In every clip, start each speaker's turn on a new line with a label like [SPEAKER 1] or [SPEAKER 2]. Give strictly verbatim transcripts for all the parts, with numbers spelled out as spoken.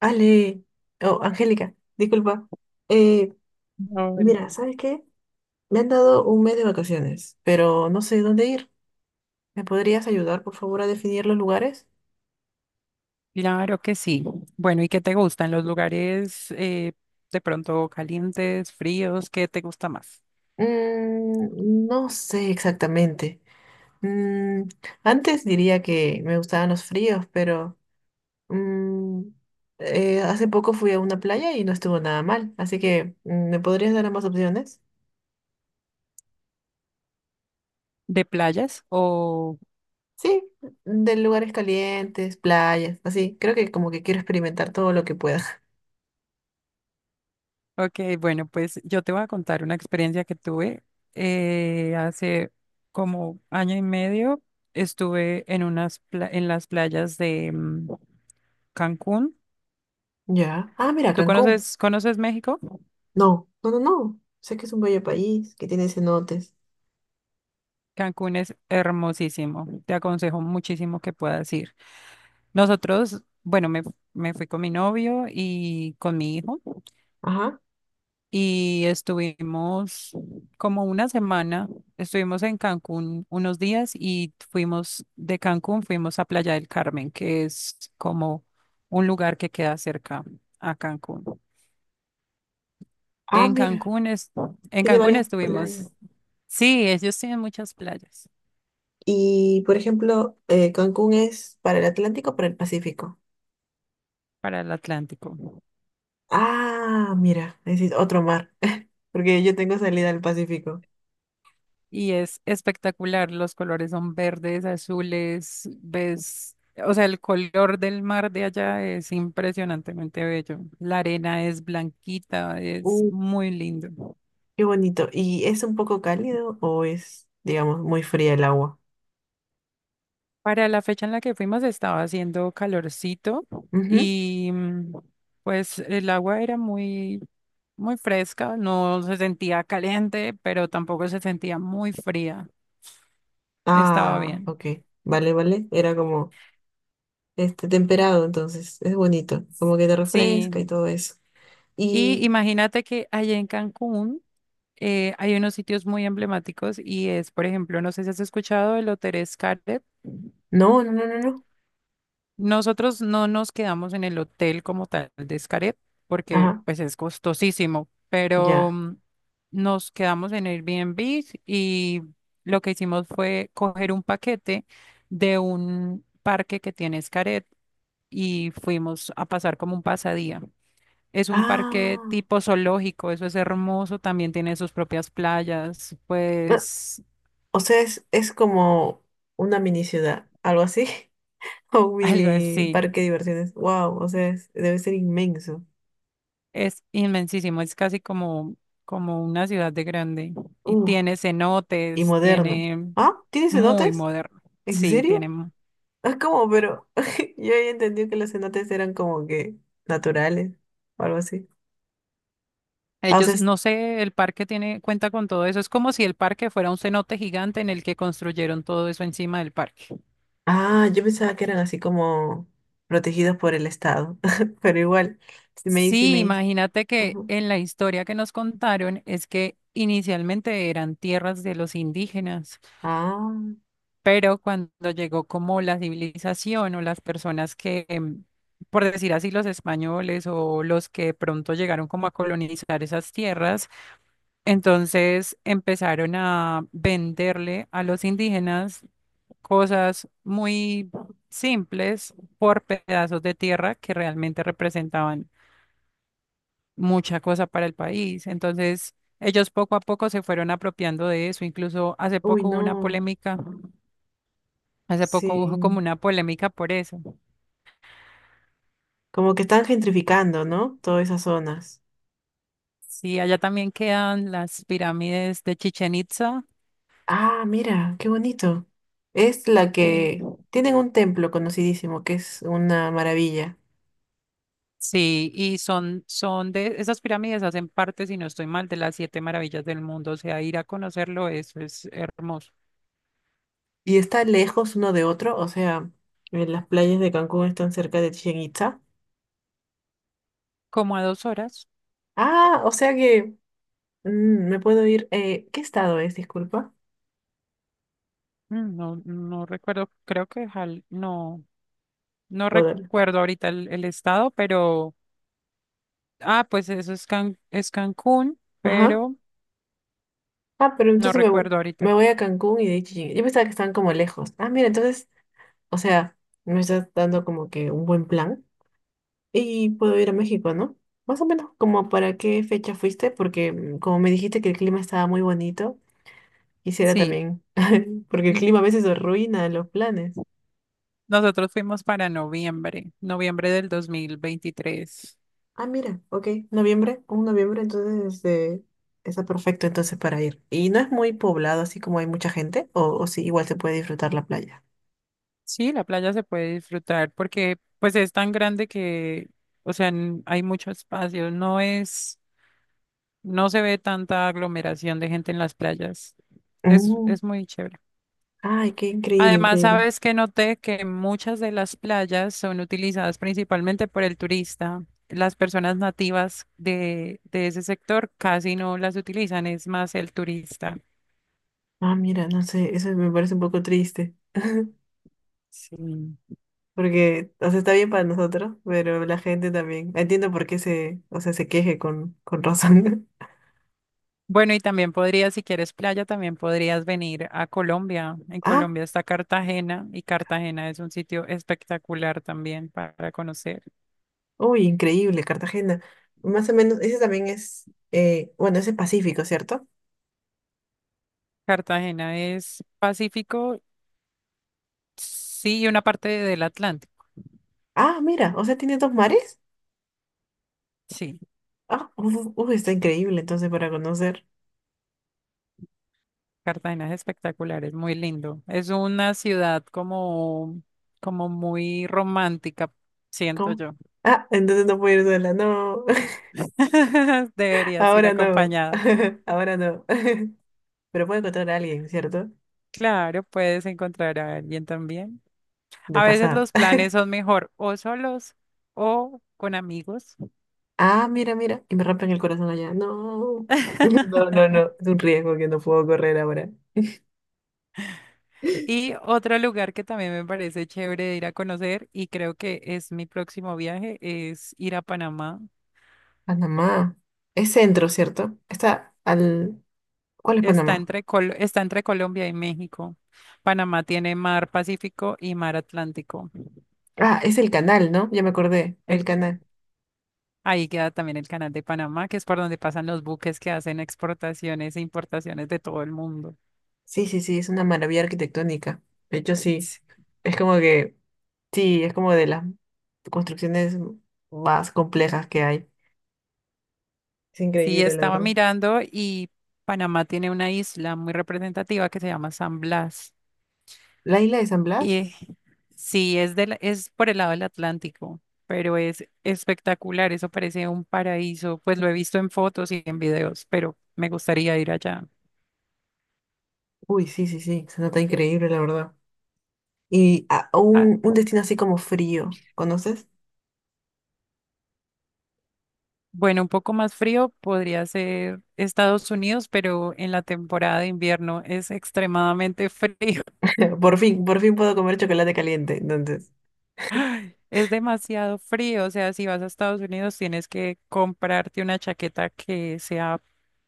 [SPEAKER 1] Ale, oh, Angélica, disculpa. Eh,
[SPEAKER 2] Ay,
[SPEAKER 1] Mira, ¿sabes qué? Me han dado un mes de vacaciones, pero no sé dónde ir. ¿Me podrías ayudar, por favor, a definir los lugares?
[SPEAKER 2] claro que sí. Bueno, ¿y qué te gustan los lugares, eh, de pronto calientes, fríos? ¿Qué te gusta más?
[SPEAKER 1] Mm, no sé exactamente. Mm, Antes diría que me gustaban los fríos, pero mm, eh, hace poco fui a una playa y no estuvo nada mal. Así que, mm, ¿me podrías dar ambas opciones?
[SPEAKER 2] ¿De playas? O,
[SPEAKER 1] Sí, de lugares calientes, playas, así. Creo que como que quiero experimentar todo lo que pueda.
[SPEAKER 2] ok, bueno, pues yo te voy a contar una experiencia que tuve eh, hace como año y medio. Estuve en unas pla- en las playas de mm, Cancún.
[SPEAKER 1] Ya. Ah, mira,
[SPEAKER 2] ¿Tú
[SPEAKER 1] Cancún.
[SPEAKER 2] conoces, conoces México?
[SPEAKER 1] No, no, no, no. Sé que es un bello país, que tiene cenotes.
[SPEAKER 2] Cancún es hermosísimo. Te aconsejo muchísimo que puedas ir. Nosotros, bueno, me, me fui con mi novio y con mi hijo
[SPEAKER 1] Ajá.
[SPEAKER 2] y estuvimos como una semana, estuvimos en Cancún unos días y fuimos de Cancún, fuimos a Playa del Carmen, que es como un lugar que queda cerca a Cancún.
[SPEAKER 1] Ah,
[SPEAKER 2] En
[SPEAKER 1] mira,
[SPEAKER 2] Cancún es, en
[SPEAKER 1] tiene
[SPEAKER 2] Cancún
[SPEAKER 1] varias playas.
[SPEAKER 2] estuvimos, sí, ellos tienen muchas playas
[SPEAKER 1] Y, por ejemplo, eh, Cancún ¿es para el Atlántico o para el Pacífico?
[SPEAKER 2] para el Atlántico.
[SPEAKER 1] Ah, mira, ese es otro mar, porque yo tengo salida al Pacífico.
[SPEAKER 2] Y es espectacular. Los colores son verdes, azules, ves, o sea, el color del mar de allá es impresionantemente bello. La arena es blanquita, es
[SPEAKER 1] Uh,
[SPEAKER 2] muy lindo.
[SPEAKER 1] qué bonito. ¿Y es un poco cálido o es, digamos, muy fría el agua?
[SPEAKER 2] Para la fecha en la que fuimos estaba haciendo calorcito
[SPEAKER 1] Ujú.
[SPEAKER 2] y mm, pues el agua era muy, muy fresca, no se sentía caliente, pero tampoco se sentía muy fría. Estaba
[SPEAKER 1] Ah,
[SPEAKER 2] bien.
[SPEAKER 1] ok. Vale, vale. Era como… este, temperado, entonces es bonito, como que te
[SPEAKER 2] Sí.
[SPEAKER 1] refresca y todo eso.
[SPEAKER 2] Y
[SPEAKER 1] Y
[SPEAKER 2] imagínate que allá en Cancún eh, hay unos sitios muy emblemáticos y es, por ejemplo, no sé si has escuchado el Hotel Xcaret.
[SPEAKER 1] no, no, no, no, no.
[SPEAKER 2] Nosotros no nos quedamos en el hotel como tal de Xcaret porque
[SPEAKER 1] Ajá,
[SPEAKER 2] pues es costosísimo, pero
[SPEAKER 1] ya.
[SPEAKER 2] mm, nos quedamos en Airbnb y lo que hicimos fue coger un paquete de un parque que tiene Xcaret y fuimos a pasar como un pasadía. Es un parque
[SPEAKER 1] Ah,
[SPEAKER 2] tipo zoológico, eso es hermoso, también tiene sus propias playas,
[SPEAKER 1] no,
[SPEAKER 2] pues
[SPEAKER 1] o sea, es, es como una mini ciudad, algo así, o un
[SPEAKER 2] algo
[SPEAKER 1] mini
[SPEAKER 2] así.
[SPEAKER 1] parque de diversiones. Wow, o sea, es- debe ser inmenso.
[SPEAKER 2] Es inmensísimo, es casi como, como una ciudad de grande. Y
[SPEAKER 1] Uh,
[SPEAKER 2] tiene
[SPEAKER 1] y
[SPEAKER 2] cenotes,
[SPEAKER 1] moderno.
[SPEAKER 2] tiene
[SPEAKER 1] Ah, ¿tiene
[SPEAKER 2] muy
[SPEAKER 1] cenotes?
[SPEAKER 2] moderno.
[SPEAKER 1] ¿En
[SPEAKER 2] Sí,
[SPEAKER 1] serio?
[SPEAKER 2] tienen.
[SPEAKER 1] Ah, ¿cómo? Pero yo había entendido que los cenotes eran como que naturales o algo así. Ah, o sea,
[SPEAKER 2] Ellos, no sé, el parque tiene, cuenta con todo eso. Es como si el parque fuera un cenote gigante en el que construyeron todo eso encima del parque.
[SPEAKER 1] ah, yo pensaba que eran así como protegidos por el Estado, pero igual, sí me hice, sí
[SPEAKER 2] Sí,
[SPEAKER 1] me hice.
[SPEAKER 2] imagínate que
[SPEAKER 1] Ajá.
[SPEAKER 2] en la historia que nos contaron es que inicialmente eran tierras de los indígenas.
[SPEAKER 1] Ah,
[SPEAKER 2] Pero cuando llegó como la civilización o las personas que, em, por decir así, los españoles o los que de pronto llegaron como a colonizar esas tierras, entonces empezaron a venderle a los indígenas cosas muy simples por pedazos de tierra que realmente representaban mucha cosa para el país. Entonces, ellos poco a poco se fueron apropiando de eso. Incluso hace
[SPEAKER 1] uy,
[SPEAKER 2] poco hubo una
[SPEAKER 1] no,
[SPEAKER 2] polémica. Hace poco hubo como
[SPEAKER 1] sí.
[SPEAKER 2] una polémica por eso.
[SPEAKER 1] Como que están gentrificando, ¿no? Todas esas zonas.
[SPEAKER 2] Sí, allá también quedan las pirámides de Chichen Itza.
[SPEAKER 1] Ah, mira, qué bonito. Es la
[SPEAKER 2] eh,
[SPEAKER 1] que… Tienen un templo conocidísimo, que es una maravilla.
[SPEAKER 2] sí, y son, son de, esas pirámides hacen parte, si no estoy mal, de las siete maravillas del mundo. O sea, ir a conocerlo, eso es hermoso.
[SPEAKER 1] ¿Y está lejos uno de otro, o sea, eh, las playas de Cancún están cerca de Chichén Itzá?
[SPEAKER 2] Como a dos horas.
[SPEAKER 1] Ah, o sea que mm, me puedo ir… eh, ¿qué estado es? Disculpa.
[SPEAKER 2] Mm, no, no recuerdo, creo que Jal- no, no
[SPEAKER 1] Bueno,
[SPEAKER 2] recuerdo ahorita el, el estado, pero, ah, pues eso es, Can- es Cancún,
[SPEAKER 1] ajá.
[SPEAKER 2] pero
[SPEAKER 1] Ah, pero
[SPEAKER 2] no
[SPEAKER 1] entonces me, vo-
[SPEAKER 2] recuerdo
[SPEAKER 1] me
[SPEAKER 2] ahorita.
[SPEAKER 1] voy a Cancún y de ahí Chillán. Yo pensaba que estaban como lejos. Ah, mira, entonces, o sea, me estás dando como que un buen plan y puedo ir a México, ¿no? Más o menos, ¿como para qué fecha fuiste? Porque mm, como me dijiste que el clima estaba muy bonito, quisiera
[SPEAKER 2] Sí.
[SPEAKER 1] también, porque el
[SPEAKER 2] mm,
[SPEAKER 1] clima a veces arruina los planes.
[SPEAKER 2] Nosotros fuimos para noviembre, noviembre del dos mil veintitrés.
[SPEAKER 1] Ah, mira, ok, noviembre, un noviembre, entonces este, está perfecto entonces para ir. ¿Y no es muy poblado, así como hay mucha gente, o, o sí, igual se puede disfrutar la playa?
[SPEAKER 2] Sí, la playa se puede disfrutar porque pues es tan grande que, o sea, n- hay mucho espacio, no es, no se ve tanta aglomeración de gente en las playas. Es,
[SPEAKER 1] Mm.
[SPEAKER 2] es muy chévere.
[SPEAKER 1] Ay, qué increíble,
[SPEAKER 2] Además,
[SPEAKER 1] increíble.
[SPEAKER 2] sabes que noté que muchas de las playas son utilizadas principalmente por el turista. Las personas nativas de, de ese sector casi no las utilizan, es más el turista.
[SPEAKER 1] Ah, mira, no sé, eso me parece un poco triste.
[SPEAKER 2] Sí.
[SPEAKER 1] Porque, o sea, está bien para nosotros, pero la gente también. Entiendo por qué se, o sea, se queje con, con razón.
[SPEAKER 2] Bueno, y también podrías, si quieres playa, también podrías venir a Colombia. En
[SPEAKER 1] Ah,
[SPEAKER 2] Colombia está Cartagena y Cartagena es un sitio espectacular también para conocer.
[SPEAKER 1] uy, increíble, Cartagena. Más o menos, ese también es, eh, bueno, ese es Pacífico, ¿cierto?
[SPEAKER 2] Cartagena es Pacífico, sí, y una parte del Atlántico.
[SPEAKER 1] Ah, mira, o sea, tiene dos mares.
[SPEAKER 2] Sí,
[SPEAKER 1] Ah, uy, uy, está increíble, entonces, para conocer.
[SPEAKER 2] Cartagena es espectacular, es muy lindo. Es una ciudad como, como muy romántica, siento
[SPEAKER 1] ¿Cómo?
[SPEAKER 2] yo.
[SPEAKER 1] Ah, entonces no puedo ir sola, no.
[SPEAKER 2] Deberías ir
[SPEAKER 1] Ahora no.
[SPEAKER 2] acompañada.
[SPEAKER 1] Ahora no. Pero puedo encontrar a alguien, ¿cierto?
[SPEAKER 2] Claro, puedes encontrar a alguien también.
[SPEAKER 1] De
[SPEAKER 2] A veces
[SPEAKER 1] pasada.
[SPEAKER 2] los planes son mejor o solos o con amigos.
[SPEAKER 1] Ah, mira, mira, y me rompen el corazón allá. No, no, no, no, es un riesgo que no puedo correr ahora.
[SPEAKER 2] Y otro lugar que también me parece chévere de ir a conocer y creo que es mi próximo viaje es ir a Panamá.
[SPEAKER 1] Panamá, es centro, ¿cierto? Está al… ¿Cuál es
[SPEAKER 2] Está
[SPEAKER 1] Panamá?
[SPEAKER 2] entre Col- está entre Colombia y México. Panamá tiene mar Pacífico y mar Atlántico.
[SPEAKER 1] Ah, es el canal, ¿no? Ya me acordé,
[SPEAKER 2] El
[SPEAKER 1] el canal.
[SPEAKER 2] ahí queda también el canal de Panamá, que es por donde pasan los buques que hacen exportaciones e importaciones de todo el mundo.
[SPEAKER 1] Sí, sí, sí, es una maravilla arquitectónica. De hecho, sí,
[SPEAKER 2] Sí.
[SPEAKER 1] es como que, sí, es como de las construcciones más complejas que hay. Es
[SPEAKER 2] Sí,
[SPEAKER 1] increíble, la
[SPEAKER 2] estaba
[SPEAKER 1] verdad.
[SPEAKER 2] mirando y Panamá tiene una isla muy representativa que se llama San Blas.
[SPEAKER 1] ¿La isla de San Blas?
[SPEAKER 2] Y sí, es del, es por el lado del Atlántico, pero es espectacular, eso parece un paraíso. Pues lo he visto en fotos y en videos, pero me gustaría ir allá.
[SPEAKER 1] Uy, sí, sí, sí, se nota increíble, la verdad. Y a-
[SPEAKER 2] Ah,
[SPEAKER 1] un, un destino así como frío, ¿conoces?
[SPEAKER 2] bueno, un poco más frío podría ser Estados Unidos, pero en la temporada de invierno es extremadamente frío.
[SPEAKER 1] Por fin, por fin puedo comer chocolate caliente, entonces.
[SPEAKER 2] Es demasiado frío, o sea, si vas a Estados Unidos tienes que comprarte una chaqueta que sea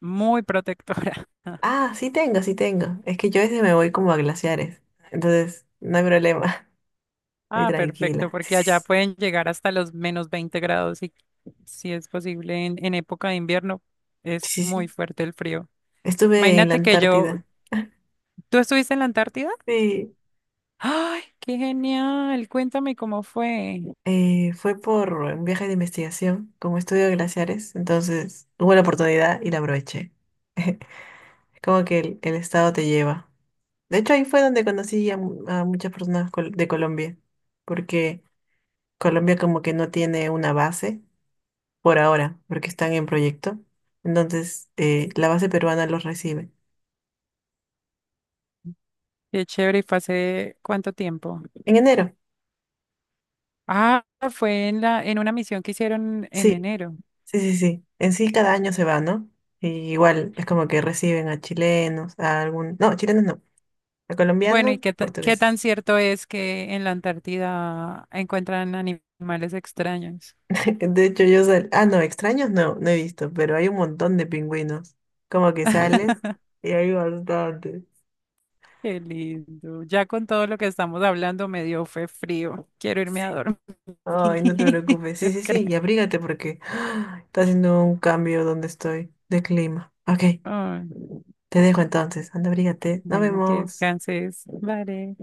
[SPEAKER 2] muy protectora.
[SPEAKER 1] Ah, sí tengo, sí tengo. Es que yo a veces me voy como a glaciares, entonces no hay problema, estoy
[SPEAKER 2] Ah, perfecto,
[SPEAKER 1] tranquila. Sí,
[SPEAKER 2] porque allá
[SPEAKER 1] sí,
[SPEAKER 2] pueden llegar hasta los menos veinte grados y si es posible en, en época de invierno es
[SPEAKER 1] sí, sí, sí.
[SPEAKER 2] muy
[SPEAKER 1] Sí.
[SPEAKER 2] fuerte el frío.
[SPEAKER 1] Estuve en la
[SPEAKER 2] Imagínate que yo,
[SPEAKER 1] Antártida.
[SPEAKER 2] ¿tú estuviste en la Antártida?
[SPEAKER 1] Sí,
[SPEAKER 2] ¡Ay, qué genial! Cuéntame cómo fue.
[SPEAKER 1] eh, fue por un viaje de investigación, como estudio glaciares, entonces hubo la oportunidad y la aproveché. Como que el, el estado te lleva. De hecho, ahí fue donde conocí a, mu- a muchas personas col- de Colombia, porque Colombia como que no tiene una base por ahora, porque están en proyecto. Entonces, eh, la base peruana los recibe.
[SPEAKER 2] Qué chévere, ¿y fue hace cuánto tiempo?
[SPEAKER 1] En enero,
[SPEAKER 2] Ah, fue en la, en una misión que hicieron en
[SPEAKER 1] sí,
[SPEAKER 2] enero.
[SPEAKER 1] sí, sí, sí. En sí cada año se va, ¿no? Y igual es como que reciben a chilenos, a algún… No, chilenos no, a
[SPEAKER 2] Bueno,
[SPEAKER 1] colombianos,
[SPEAKER 2] ¿y qué, ta- qué tan
[SPEAKER 1] portugueses.
[SPEAKER 2] cierto es que en la Antártida encuentran animales extraños?
[SPEAKER 1] De hecho, yo sal… Ah, no, extraños no, no he visto, pero hay un montón de pingüinos. Como que sales y hay bastantes.
[SPEAKER 2] Qué lindo. Ya con todo lo que estamos hablando me dio fue frío. Quiero irme
[SPEAKER 1] Sí.
[SPEAKER 2] a dormir.
[SPEAKER 1] Ay, no te preocupes.
[SPEAKER 2] Yo
[SPEAKER 1] Sí, sí,
[SPEAKER 2] creo.
[SPEAKER 1] sí, y abrígate porque está haciendo un cambio donde estoy de clima. Ok,
[SPEAKER 2] Ay,
[SPEAKER 1] te dejo entonces. Anda, abrígate. Nos
[SPEAKER 2] bueno, que
[SPEAKER 1] vemos.
[SPEAKER 2] descanses. Vale.